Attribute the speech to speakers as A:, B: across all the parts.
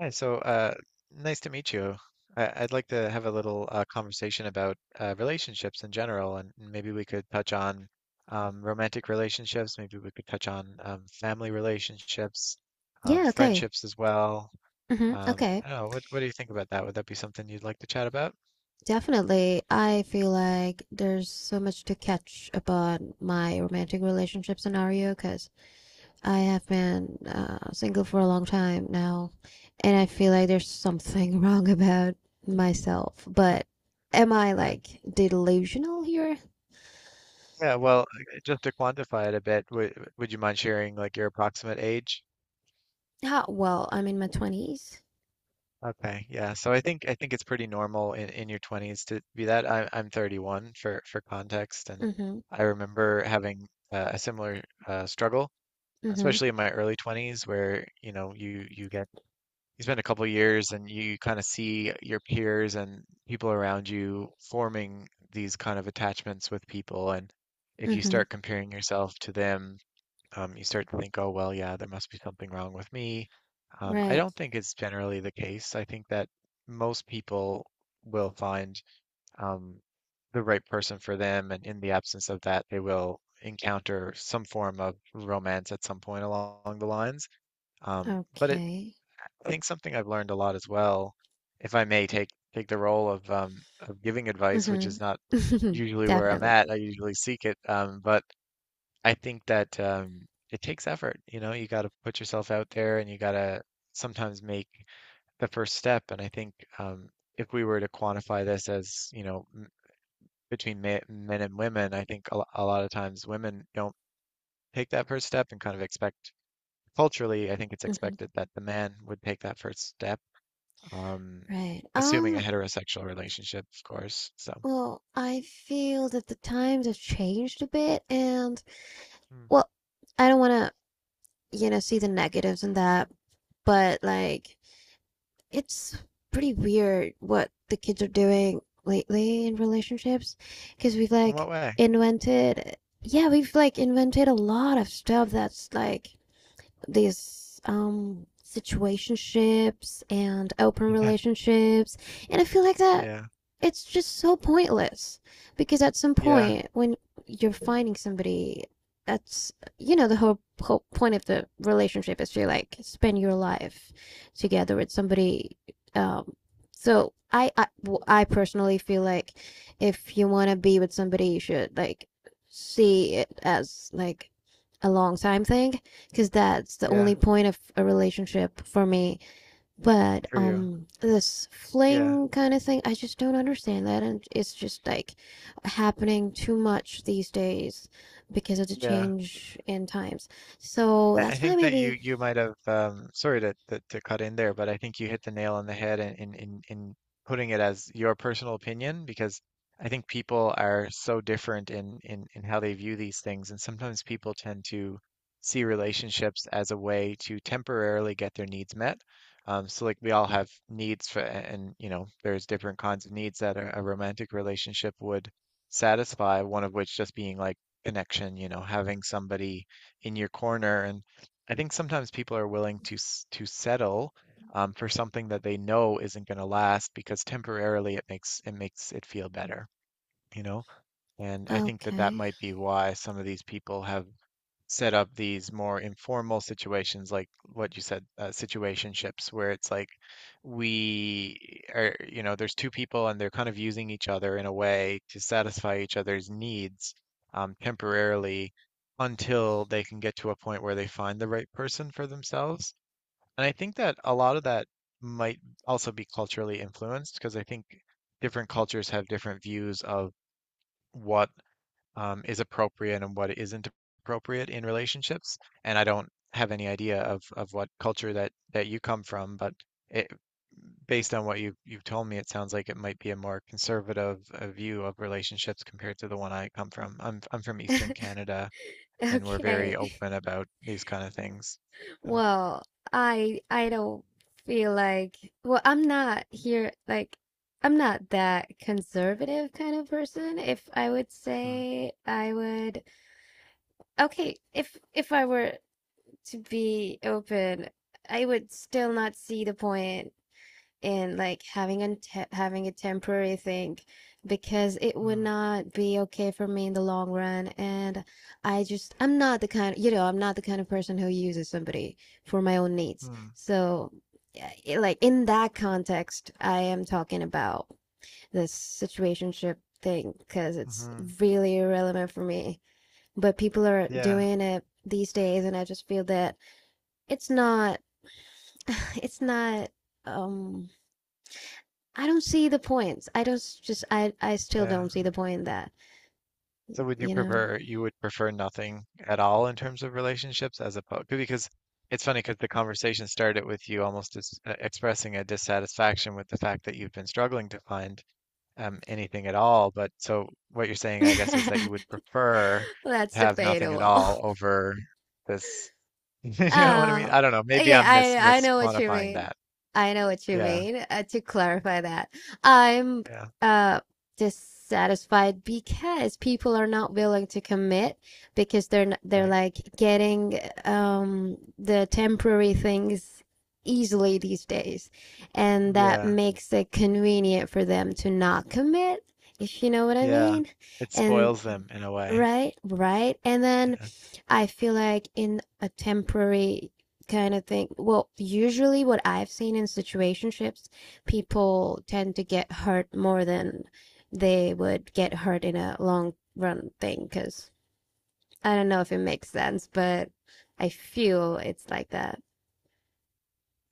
A: Hi, nice to meet you. I'd like to have a little conversation about relationships in general, and maybe we could touch on romantic relationships. Maybe we could touch on family relationships,
B: Yeah, okay.
A: friendships as well.
B: Hmm, okay.
A: I don't know. What do you think about that? Would that be something you'd like to chat about?
B: Definitely. I feel like there's so much to catch about my romantic relationship scenario because I have been single for a long time now, and I feel like there's something wrong about myself. But am I
A: Uh,
B: like delusional here?
A: yeah, well, just to quantify it a bit, would you mind sharing like your approximate age?
B: Well, I'm in my 20s.
A: Okay, yeah. So I think it's pretty normal in your 20s to be that. I'm 31 for context, and
B: Mm-hmm.
A: I remember having a similar struggle,
B: Mm-hmm.
A: especially in my early 20s, where you know you get you spend a couple years and you kind of see your peers and people around you forming these kind of attachments with people, and if you
B: Mm-hmm.
A: start comparing yourself to them you start to think, oh, well, yeah, there must be something wrong with me. I
B: Right.
A: don't think it's generally the case. I think that most people will find um, the right person for them, and in the absence of that, they will encounter some form of romance at some point along the lines. Um, but it,
B: Okay.
A: I think something I've learned a lot as well, if I may take the role of giving advice, which
B: Hmm.
A: is not usually where I'm
B: Definitely.
A: at. I usually seek it, but I think that it takes effort. You know, you got to put yourself out there and you got to sometimes make the first step. And I think um, if we were to quantify this as, you know, m between ma men and women, I think a lot of times women don't take that first step and kind of expect culturally, I think it's
B: Hmm.
A: expected that the man would take that first step, um,
B: Right.
A: assuming a heterosexual relationship, of course. So,
B: Well, I feel that the times have changed a bit, and
A: hmm.
B: well, I don't want to, you know, see the negatives in that, but like it's pretty weird what the kids are doing lately in relationships because we've
A: In
B: like
A: what way?
B: invented yeah, we've like invented a lot of stuff that's like these situationships and open
A: Yeah,
B: relationships, and I feel like that
A: yeah,
B: it's just so pointless because at some
A: yeah,
B: point when you're finding somebody that's, you know, the whole point of the relationship is to like spend your life together with somebody. Um so I I, I personally feel like if you want to be with somebody, you should like see it as like a long time thing, because that's the only
A: yeah,
B: point of a relationship for me. But
A: for you.
B: this
A: Yeah,
B: fling kind of thing, I just don't understand that, and it's just like happening too much these days because of the
A: yeah.
B: change in times. So
A: I
B: that's my
A: think that you
B: baby.
A: you might have sorry to, to cut in there, but I think you hit the nail on the head in putting it as your personal opinion because I think people are so different in how they view these things, and sometimes people tend to see relationships as a way to temporarily get their needs met. So like we all have needs for, and you know, there's different kinds of needs that a romantic relationship would satisfy, one of which just being like connection, you know, having somebody in your corner. And I think sometimes people are willing to to settle for something that they know isn't going to last because temporarily it makes it feel better, you know? And I think that that
B: Okay.
A: might be why some of these people have set up these more informal situations like what you said situationships where it's like we are, you know, there's two people and they're kind of using each other in a way to satisfy each other's needs temporarily until they can get to a point where they find the right person for themselves. And I think that a lot of that might also be culturally influenced because I think different cultures have different views of what is appropriate and what isn't appropriate in relationships. And I don't have any idea of what culture that you come from, but it, based on what you you've told me, it sounds like it might be a more conservative view of relationships compared to the one I come from. I'm from Eastern Canada, and we're very
B: Okay.
A: open about these kind of things. Um,
B: Well, I don't feel like, well, I'm not here like, I'm not that conservative kind of person. If I would
A: mm,
B: say, I would— okay, if I were to be open, I would still not see the point in like having a temporary thing, because it would
A: mm,
B: not be okay for me in the long run. And I just— I'm not the kind, you know, I'm not the kind of person who uses somebody for my own needs.
A: mm,
B: So, yeah, it— like in that context, I am talking about this situationship thing because it's
A: mhm.
B: really irrelevant for me, but people are
A: Yeah,
B: doing it these days, and I just feel that it's not it's not, um I don't see the points. I don't— just I still
A: yeah.
B: don't see the point in that,
A: So would you
B: you know.
A: prefer you would prefer nothing at all in terms of relationships as opposed because it's funny because the conversation started with you almost dis expressing a dissatisfaction with the fact that you've been struggling to find anything at all. But so what you're saying, I guess, is that you would prefer
B: That's
A: to have nothing at
B: debatable.
A: all over this. You know what I mean?
B: Oh,
A: I don't know. Maybe
B: yeah,
A: I'm
B: I know what you
A: misquantifying
B: mean.
A: that.
B: I know what you
A: Yeah,
B: mean. To clarify that, I'm
A: yeah,
B: uh dissatisfied because people are not willing to commit, because they're
A: right.
B: like getting the temporary things easily these days, and that
A: Yeah,
B: makes it convenient for them to not commit, if you know what I
A: yeah.
B: mean.
A: It
B: And
A: spoils them in a way.
B: right, right, and then
A: Yeah.
B: I feel like in a temporary kind of thing, well, usually what I've seen in situationships, people tend to get hurt more than they would get hurt in a long run thing. Because I don't know if it makes sense, but I feel it's like that,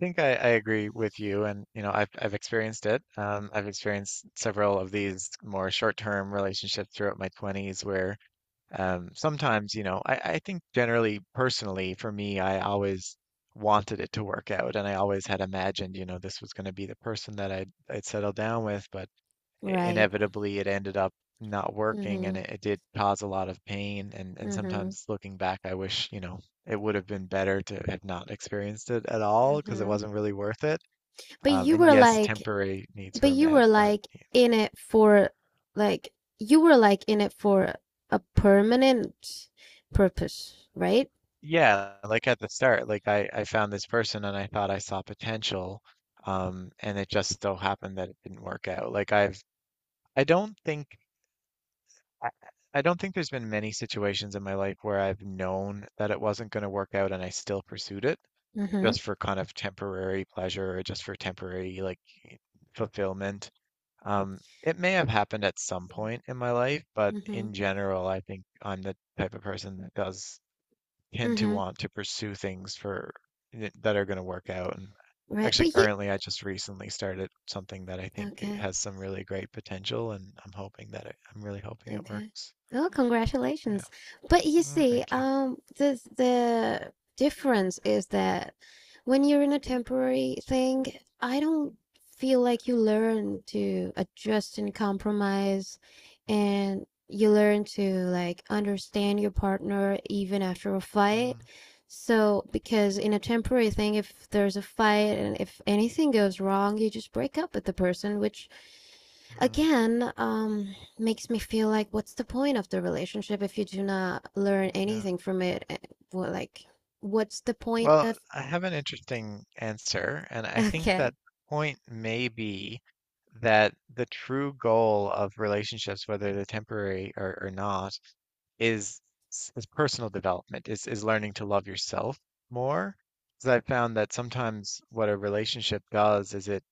A: think I agree with you, and you know, I've experienced it. I've experienced several of these more short-term relationships throughout my 20s where sometimes, you know, I think generally, personally, for me, I always wanted it to work out, and I always had imagined, you know, this was going to be the person that I'd settle down with, but
B: right?
A: inevitably it ended up not working,
B: Mm-hmm.
A: and it did cause a lot of pain. And
B: Mm-hmm.
A: sometimes looking back, I wish, you know, it would have been better to have not experienced it at all because it
B: Mm-hmm.
A: wasn't really worth it,
B: But you
A: and
B: were
A: yes,
B: like—
A: temporary needs
B: but
A: were
B: you
A: met.
B: were
A: But
B: like in it for, like, you were like in it for a permanent purpose, right?
A: yeah, like at the start, like I found this person and I thought I saw potential, and it just so happened that it didn't work out. Like I've I don't think I I don't think there's been many situations in my life where I've known that it wasn't going to work out and I still pursued it.
B: Mm-hmm.
A: Just for kind of temporary pleasure or just for temporary like fulfillment. It may have happened at some point in my life, but
B: Mm-hmm.
A: in general, I think I'm the type of person that does tend to
B: Mm-hmm.
A: want to pursue things for that are going to work out. And
B: Right.
A: actually,
B: But you—
A: currently, I just recently started something that I think it
B: okay.
A: has some really great potential, and I'm hoping that I'm really hoping it
B: Okay.
A: works.
B: Oh,
A: Yeah.
B: congratulations. But you
A: Mm,
B: see,
A: thank you.
B: the difference is that when you're in a temporary thing, I don't feel like you learn to adjust and compromise, and you learn to like understand your partner even after a fight. So, because in a temporary thing, if there's a fight and if anything goes wrong, you just break up with the person, which
A: Mm-hmm.
B: again, makes me feel like, what's the point of the relationship if you do not learn
A: Yeah.
B: anything from it? Eh, well, like, what's the point
A: Well,
B: of?
A: I have an interesting answer, and I think
B: Okay,
A: that point may be that the true goal of relationships, whether they're temporary or not, is is personal development, is learning to love yourself more. Because I found that sometimes what a relationship does is it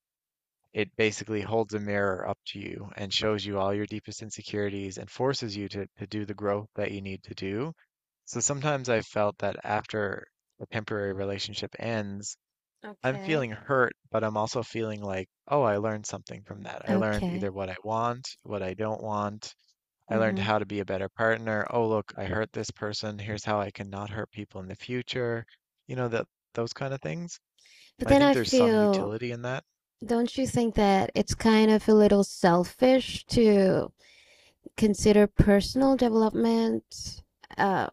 A: it basically holds a mirror up to you and shows you all your deepest insecurities and forces you to do the growth that you need to do. So sometimes I've felt that after a temporary relationship ends, I'm
B: okay,
A: feeling hurt, but I'm also feeling like, oh, I learned something from that. I learned
B: okay.
A: either what I want, what I don't want. I learned
B: Mm-hmm.
A: how to be a better partner. Oh, look, I hurt this person. Here's how I can not hurt people in the future. You know, that those kind of things.
B: But
A: I
B: then
A: think
B: I
A: there's some
B: feel,
A: utility in that.
B: don't you think that it's kind of a little selfish to consider personal development? Uh,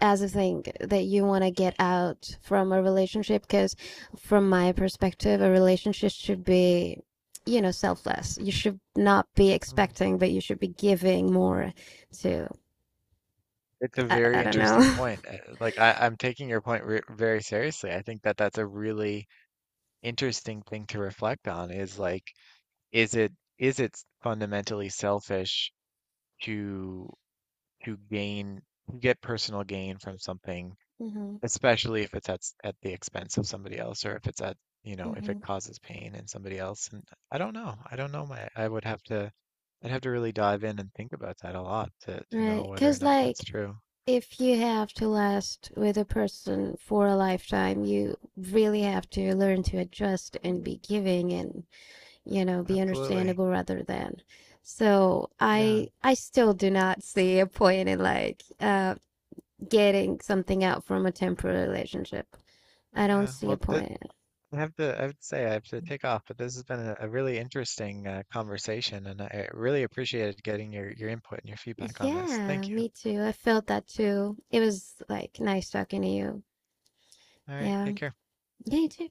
B: as a thing that you want to get out from a relationship, because from my perspective, a relationship should be, you know, selfless. You should not be
A: Hmm.
B: expecting, but you should be giving more to—
A: It's a
B: I
A: very
B: don't know.
A: interesting point. Like I'm taking your point re very seriously. I think that that's a really interesting thing to reflect on is like, is it is it fundamentally selfish to gain to get personal gain from something,
B: Mm-hmm,
A: especially if it's at at the expense of somebody else or if it's at, you know, if
B: mm-hmm.
A: it causes pain in somebody else. And I don't know. I don't know my I would have to I'd have to really dive in and think about that a lot to know
B: Right,
A: whether or
B: because
A: not
B: like
A: that's true.
B: if you have to last with a person for a lifetime, you really have to learn to adjust and be giving and, you know, be
A: Absolutely.
B: understandable rather than— so
A: Yeah.
B: I still do not see a point in like getting something out from a temporary relationship. I don't
A: Yeah,
B: see a
A: well, th
B: point in
A: I have to say, I have to take off, but this has been a really interesting conversation, and I really appreciated getting your input and your
B: it.
A: feedback on this.
B: Yeah,
A: Thank you.
B: me too. I felt that too. It was like nice talking to you.
A: All right,
B: Yeah.
A: take care.
B: Yeah, you too.